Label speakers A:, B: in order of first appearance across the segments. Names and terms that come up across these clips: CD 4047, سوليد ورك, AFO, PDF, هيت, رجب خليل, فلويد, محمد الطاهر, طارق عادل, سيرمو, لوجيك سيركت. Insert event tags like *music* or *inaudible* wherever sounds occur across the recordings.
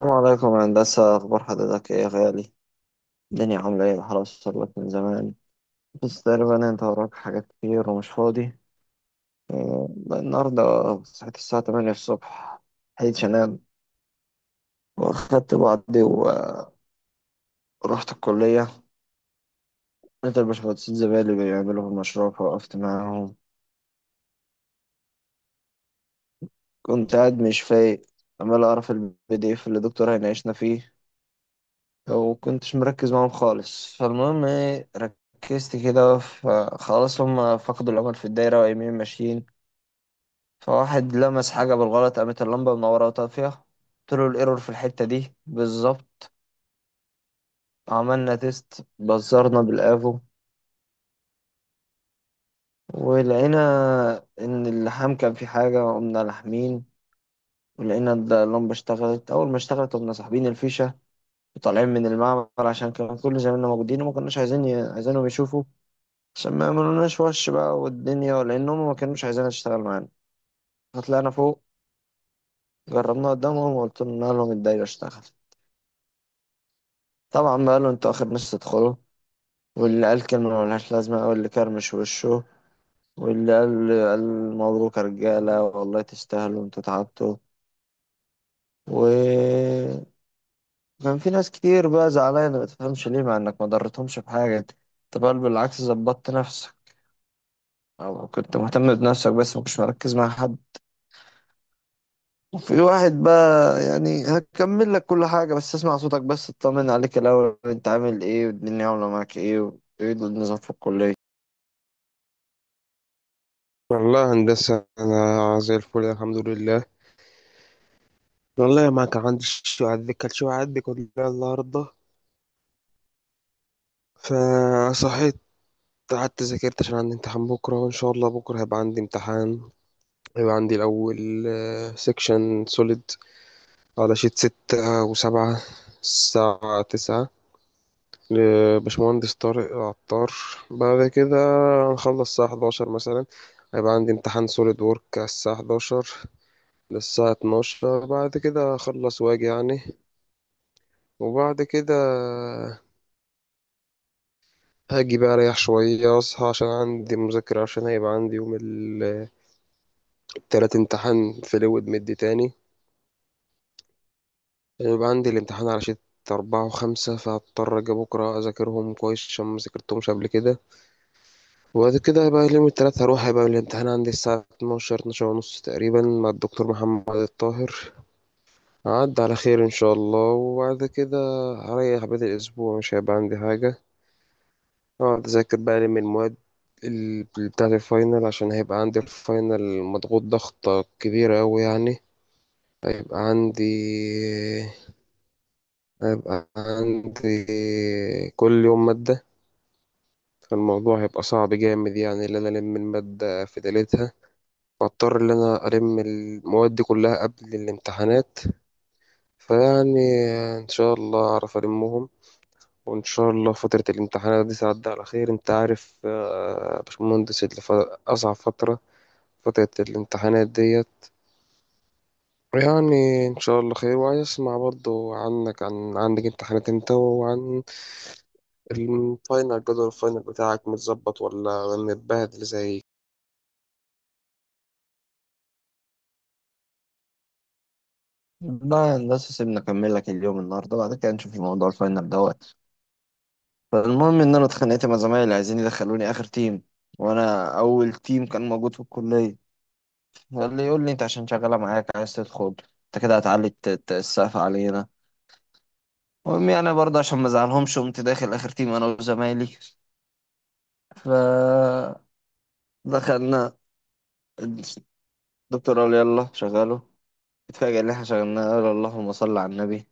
A: السلام عليكم يا هندسة، أخبار حضرتك إيه يا غالي؟ الدنيا عاملة إيه. الحرس وصلت من زمان بس تقريبا أنت وراك حاجات كتير ومش فاضي. بقى النهاردة صحيت الساعة 8 الصبح، لحقتش أنام وأخدت بعضي ورحت الكلية. لقيت الباشمهندسين زمايلي بيعملوا في المشروع فوقفت معاهم. كنت قاعد مش فايق، عمال أعرف البي دي إف اللي الدكتور هيناقشنا فيه، وكنتش مركز معاهم خالص. فالمهم إيه، ركزت كده، فخلاص هما فقدوا الأمل في الدايرة وقايمين ماشيين. فواحد لمس حاجة بالغلط، قامت اللمبة منورة وطافية، قلت له الايرور في الحتة دي بالظبط. عملنا تيست بزرنا بالافو، ولقينا ان اللحام كان في حاجة، قمنا لاحمين ولقينا إن اللمبة اشتغلت. أول ما اشتغلت قمنا ساحبين الفيشة وطالعين من المعمل، عشان كان كل زمايلنا موجودين وما كناش عايزين عايزينهم يشوفوا، عشان ما يعملوناش وش بقى والدنيا، لأنهم ما كانوش عايزينها تشتغل معانا. فطلعنا فوق، جربناها قدامهم وقلت لهم، قال لهم الدايرة اشتغلت. طبعا بقى قالوا انتوا آخر ناس تدخلوا، واللي قال كلمة ملهاش لازمة، أو اللي كرمش وشه، واللي قال قال مبروك يا رجالة والله تستاهلوا انتوا تعبتوا. و كان في ناس كتير بقى زعلانة ما تفهمش ليه، مع انك ما ضرتهمش بحاجة انت. أنت بل بالعكس ظبطت نفسك او كنت مهتم بنفسك بس ما كنتش مركز مع حد. وفي واحد بقى يعني هكمل لك كل حاجة بس اسمع صوتك، بس اطمن عليك الأول، انت عامل ايه والدنيا عاملة معاك ايه، وايه النظام في الكلية.
B: والله هندسة، أنا زي الفل الحمد لله. والله ما كان عندي شوية عندي كانت شوية عندي كلها النهاردة، فصحيت قعدت ذاكرت عشان عندي امتحان بكرة. وإن شاء الله بكرة هيبقى عندي امتحان. هيبقى عندي الأول سيكشن سوليد على شيت 6 و7 الساعة 9 لباشمهندس طارق عطار. بعد كده هنخلص الساعة 11 مثلا. هيبقى عندي امتحان سوليد وورك على الساعة 11 للساعة 12. بعد كده أخلص وأجي يعني. وبعد كده هاجي بقى اريح شوية اصحى عشان عندي مذاكرة، عشان هيبقى عندي يوم التلات امتحان فلويد مد تاني. هيبقى عندي الامتحان على شيت 4 و5، فهضطر أجي بكرة أذاكرهم كويس عشان مذاكرتهمش قبل كده. وبعد كده هيبقى اليوم التلات هروح، هيبقى الامتحان عندي الساعة 12 12:30 تقريبا مع الدكتور محمد الطاهر. عد على خير إن شاء الله. وبعد كده هريح بقية الأسبوع مش هيبقى عندي حاجة، اقعد اذاكر بقى لي من المواد ال- بتاعة الفاينل عشان هيبقى عندي الفاينل مضغوط ضغطة كبيرة أوي يعني. هيبقى عندي هيبقى عندي كل يوم مادة. فالموضوع هيبقى صعب جامد يعني، إن أنا ألم المادة في ليلتها، واضطر إن أنا ألم المواد دي كلها قبل الامتحانات. فيعني إن شاء الله أعرف ألمهم، وإن شاء الله فترة الامتحانات دي تعدي على خير. أنت عارف آه، يا باشمهندس أصعب فترة، فترة الامتحانات ديت. يعني إن شاء الله خير. وعايز أسمع برضو عنك، عن عندك امتحانات أنت، وعن الفاينل، جدول الفاينل بتاعك متظبط ولا متبهدل زي
A: لا هندسة سيبنا أكمل لك اليوم النهاردة، بعد كده نشوف الموضوع الفاينل دوت. فالمهم إن أنا اتخانقت مع زمايلي عايزين يدخلوني آخر تيم، وأنا أول تيم كان موجود في الكلية. فاللي يقول لي أنت عشان شغالة معاك عايز تدخل، أنت كده هتعلي السقف علينا. المهم يعني برضه عشان ما أزعلهمش قمت داخل آخر تيم أنا وزمايلي. فدخلنا، الدكتور قال يلا شغله، اتفاجئ إن إحنا شغلناه، قال اللهم صل على النبي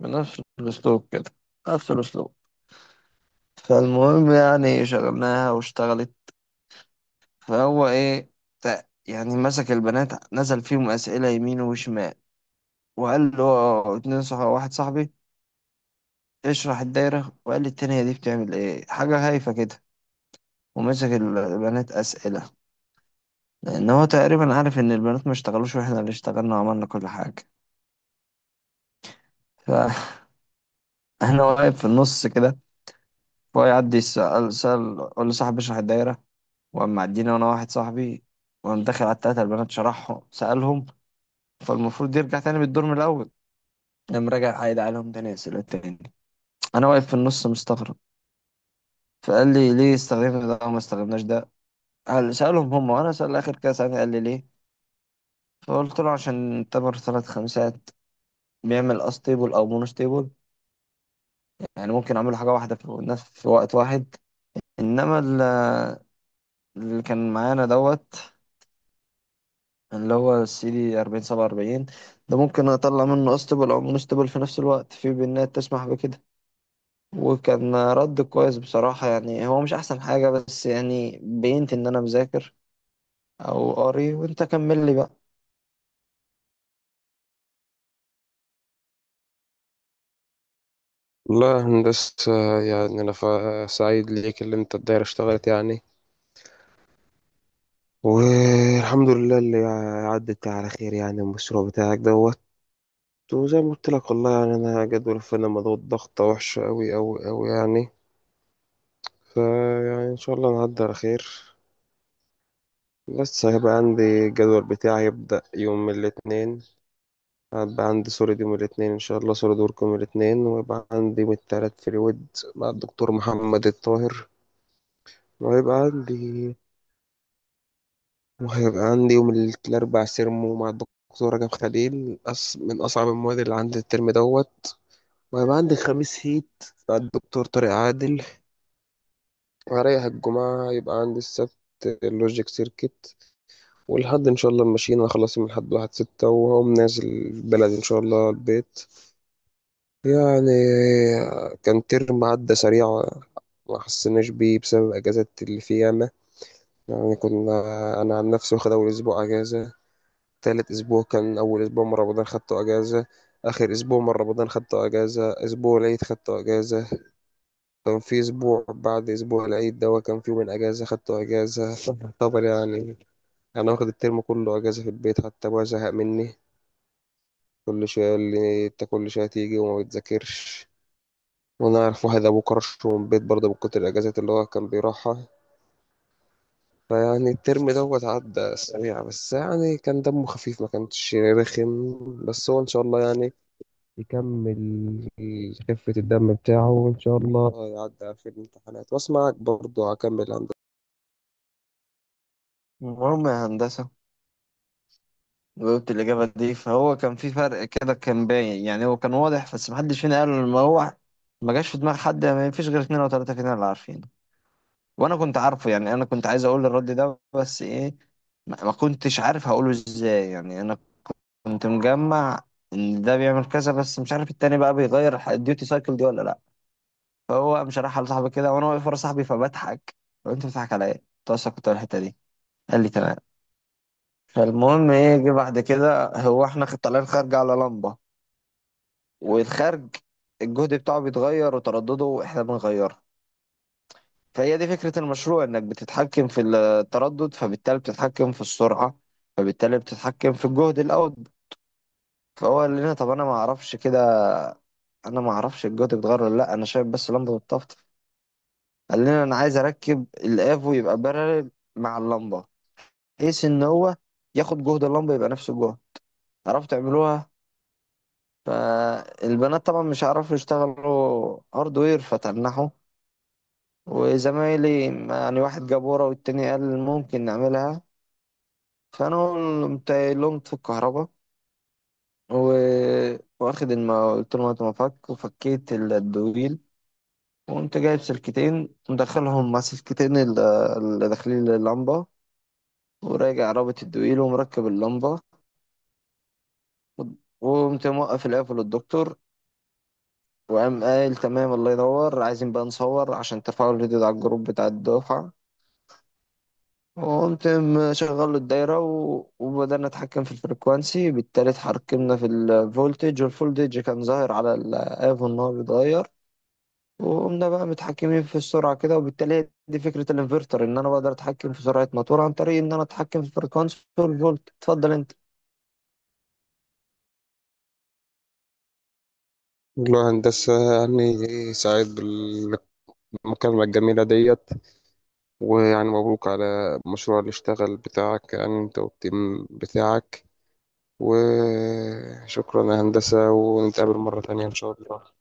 A: بنفس الأسلوب كده، نفس الأسلوب. فالمهم يعني شغلناها واشتغلت. فهو ايه، يعني مسك البنات نزل فيهم أسئلة يمين وشمال، وقال له آه، اتنين صح واحد صاحبي اشرح الدايرة، وقال لي التانية دي بتعمل ايه، حاجة هايفة كده. ومسك البنات أسئلة، لأن هو تقريبا عارف إن البنات ما اشتغلوش وإحنا اللي اشتغلنا وعملنا كل حاجة. فأنا *laughs* واقف في النص كده. فهو يعدي يسأل، سأل قول لصاحبي اشرح الدايرة، وقام معدينا وأنا واحد صاحبي، وقام داخل على التلاتة البنات شرحهم سألهم. فالمفروض يرجع تاني بالدور من الأول، قام راجع عايد عليهم تاني أسئلة تاني. أنا واقف في النص مستغرب. فقال لي ليه استخدمنا ده وما استخدمناش ده، قال سألهم هم وأنا سأل آخر كده سألني قال لي ليه. فقلت له عشان تمر ثلاث خمسات بيعمل أستيبل أو مونوستيبل، يعني ممكن أعمل حاجة واحدة في نفس في وقت واحد. إنما اللي كان معانا دوت، اللي هو السي دي 40 47، ده ممكن أطلع منه أستيبل أو مونوستيبل في نفس الوقت، في بنات تسمح بكده. وكان رد كويس بصراحة، يعني هو مش أحسن حاجة بس يعني بينت إن أنا مذاكر أو قاري. وأنت كمل لي بقى.
B: والله يا هندسة. يعني أنا سعيد ليك اللي أنت الدايرة اشتغلت يعني، والحمد لله اللي عدت على خير يعني. المشروع بتاعك دوت. وزي ما قلت لك، والله يعني أنا جدول الفاينل مضغوط ضغطة وحشة أوي أوي أوي يعني. فيعني إن شاء الله نعدي على خير. لسه هيبقى عندي الجدول بتاعي، هيبدأ يوم الاثنين. هيبقى عندي سوليد يوم الاثنين إن شاء الله، سوليد ورك يوم الاثنين. ويبقى عندي يوم التلات فريود مع الدكتور محمد الطاهر. وهيبقى عندي وهيبقى عندي يوم الأربع سيرمو مع الدكتور رجب خليل، من أصعب المواد اللي عندي الترم دوت. وهيبقى عندي الخميس هيت مع الدكتور طارق عادل. وهريح الجمعة، يبقى عندي السبت اللوجيك سيركت. والحد ان شاء الله ماشيين، انا خلاص من الحد واحد ستة، وهقوم نازل بلدي ان شاء الله البيت يعني. كان ترم عدى سريع، ما حسناش بيه بسبب اجازات اللي في ياما يعني. كنا انا عن نفسي واخد اول اسبوع اجازة، تالت اسبوع كان اول اسبوع من رمضان خدته اجازة، اخر اسبوع من رمضان خدته اجازة، اسبوع العيد خدته اجازة. كان في اسبوع بعد اسبوع العيد ده كان في يومين اجازة خدته اجازة *laughs* طبعا يعني. انا واخد الترم كله اجازة في البيت، حتى ابويا زهق مني، كل شوية يقول لي أنت كل شوية تيجي وما بتذاكرش. وأنا أعرف واحد أبوه كرش من البيت برضه من كتر الأجازات اللي هو كان بيروحها. فيعني الترم دوت عدى سريع، بس يعني كان دمه خفيف ما كانش رخم. بس هو إن شاء الله يعني يكمل خفة الدم بتاعه، وإن شاء الله يعدي في الامتحانات. وأسمعك برضه، هكمل هندسة.
A: المهم يا هندسة، جاوبت الإجابة دي، فهو كان في فرق كده كان باين، يعني هو كان واضح بس محدش فينا قال. ما هو ما جاش في دماغ حد، ما فيش غير اتنين أو تلاتة فينا اللي عارفينه. وأنا كنت عارفه، يعني أنا كنت عايز أقول الرد ده بس إيه، ما كنتش عارف هقوله إزاي. يعني أنا كنت مجمع إن ده بيعمل كذا، بس مش عارف التاني بقى بيغير الديوتي سايكل دي ولا لأ. فهو قام شرحها لصاحبي كده وانا واقف ورا صاحبي فبضحك. طب انت بتضحك على ايه؟ قلت له أصل كنت أقول الحته دي، قال لي تمام. فالمهم ايه جه بعد كده، هو احنا طالعين خارج على لمبه، والخارج الجهد بتاعه بيتغير وتردده احنا بنغيره. فهي دي فكره المشروع، انك بتتحكم في التردد فبالتالي بتتحكم في السرعه فبالتالي بتتحكم في الجهد الاوت. فهو قال لنا طب انا ما اعرفش كده، انا ما اعرفش الجهد بيتغير ولا لا، انا شايف بس لمبه بتطفطف. قال لنا انا عايز اركب الافو يبقى بارلل مع اللمبه، قيس ان هو ياخد جهد اللمبه يبقى نفس الجهد، عرفت تعملوها. فالبنات طبعا مش عارفوا يشتغلوا هاردوير فتنحوا، وزمايلي يعني واحد جاب ورا والتاني قال ممكن نعملها. فانا قمت قايل لهم في الكهرباء، واخد قلت لهم هاتوا مفك، وفكيت الدويل، وقمت جايب سلكتين مدخلهم مع سلكتين اللي داخلين اللمبه، وراجع رابط الدويل ومركب اللمبه، وقمت موقف العيال للدكتور. وقام قال تمام الله ينور، عايزين بقى نصور عشان ترفعوا الفيديو ده على الجروب بتاع الدفعة. وقمت مشغل له الدايرة وبدأنا نتحكم في الفريكوانسي، بالتالي اتحكمنا في الفولتج، والفولتج كان ظاهر على الآف إن هو بيتغير. وقمنا بقى متحكمين في السرعة كده، وبالتالي هي دي فكرة الانفرتر، إن أنا بقدر أتحكم في سرعة موتور عن طريق إن أنا أتحكم في الفريكوانسي والفولت. اتفضل أنت.
B: والله هندسة، يعني سعيد بالمكالمة الجميلة ديت. ويعني مبروك على المشروع اللي اشتغل بتاعك يعني، انت والتيم بتاعك. وشكرا يا هندسة، ونتقابل مرة تانية إن شاء الله.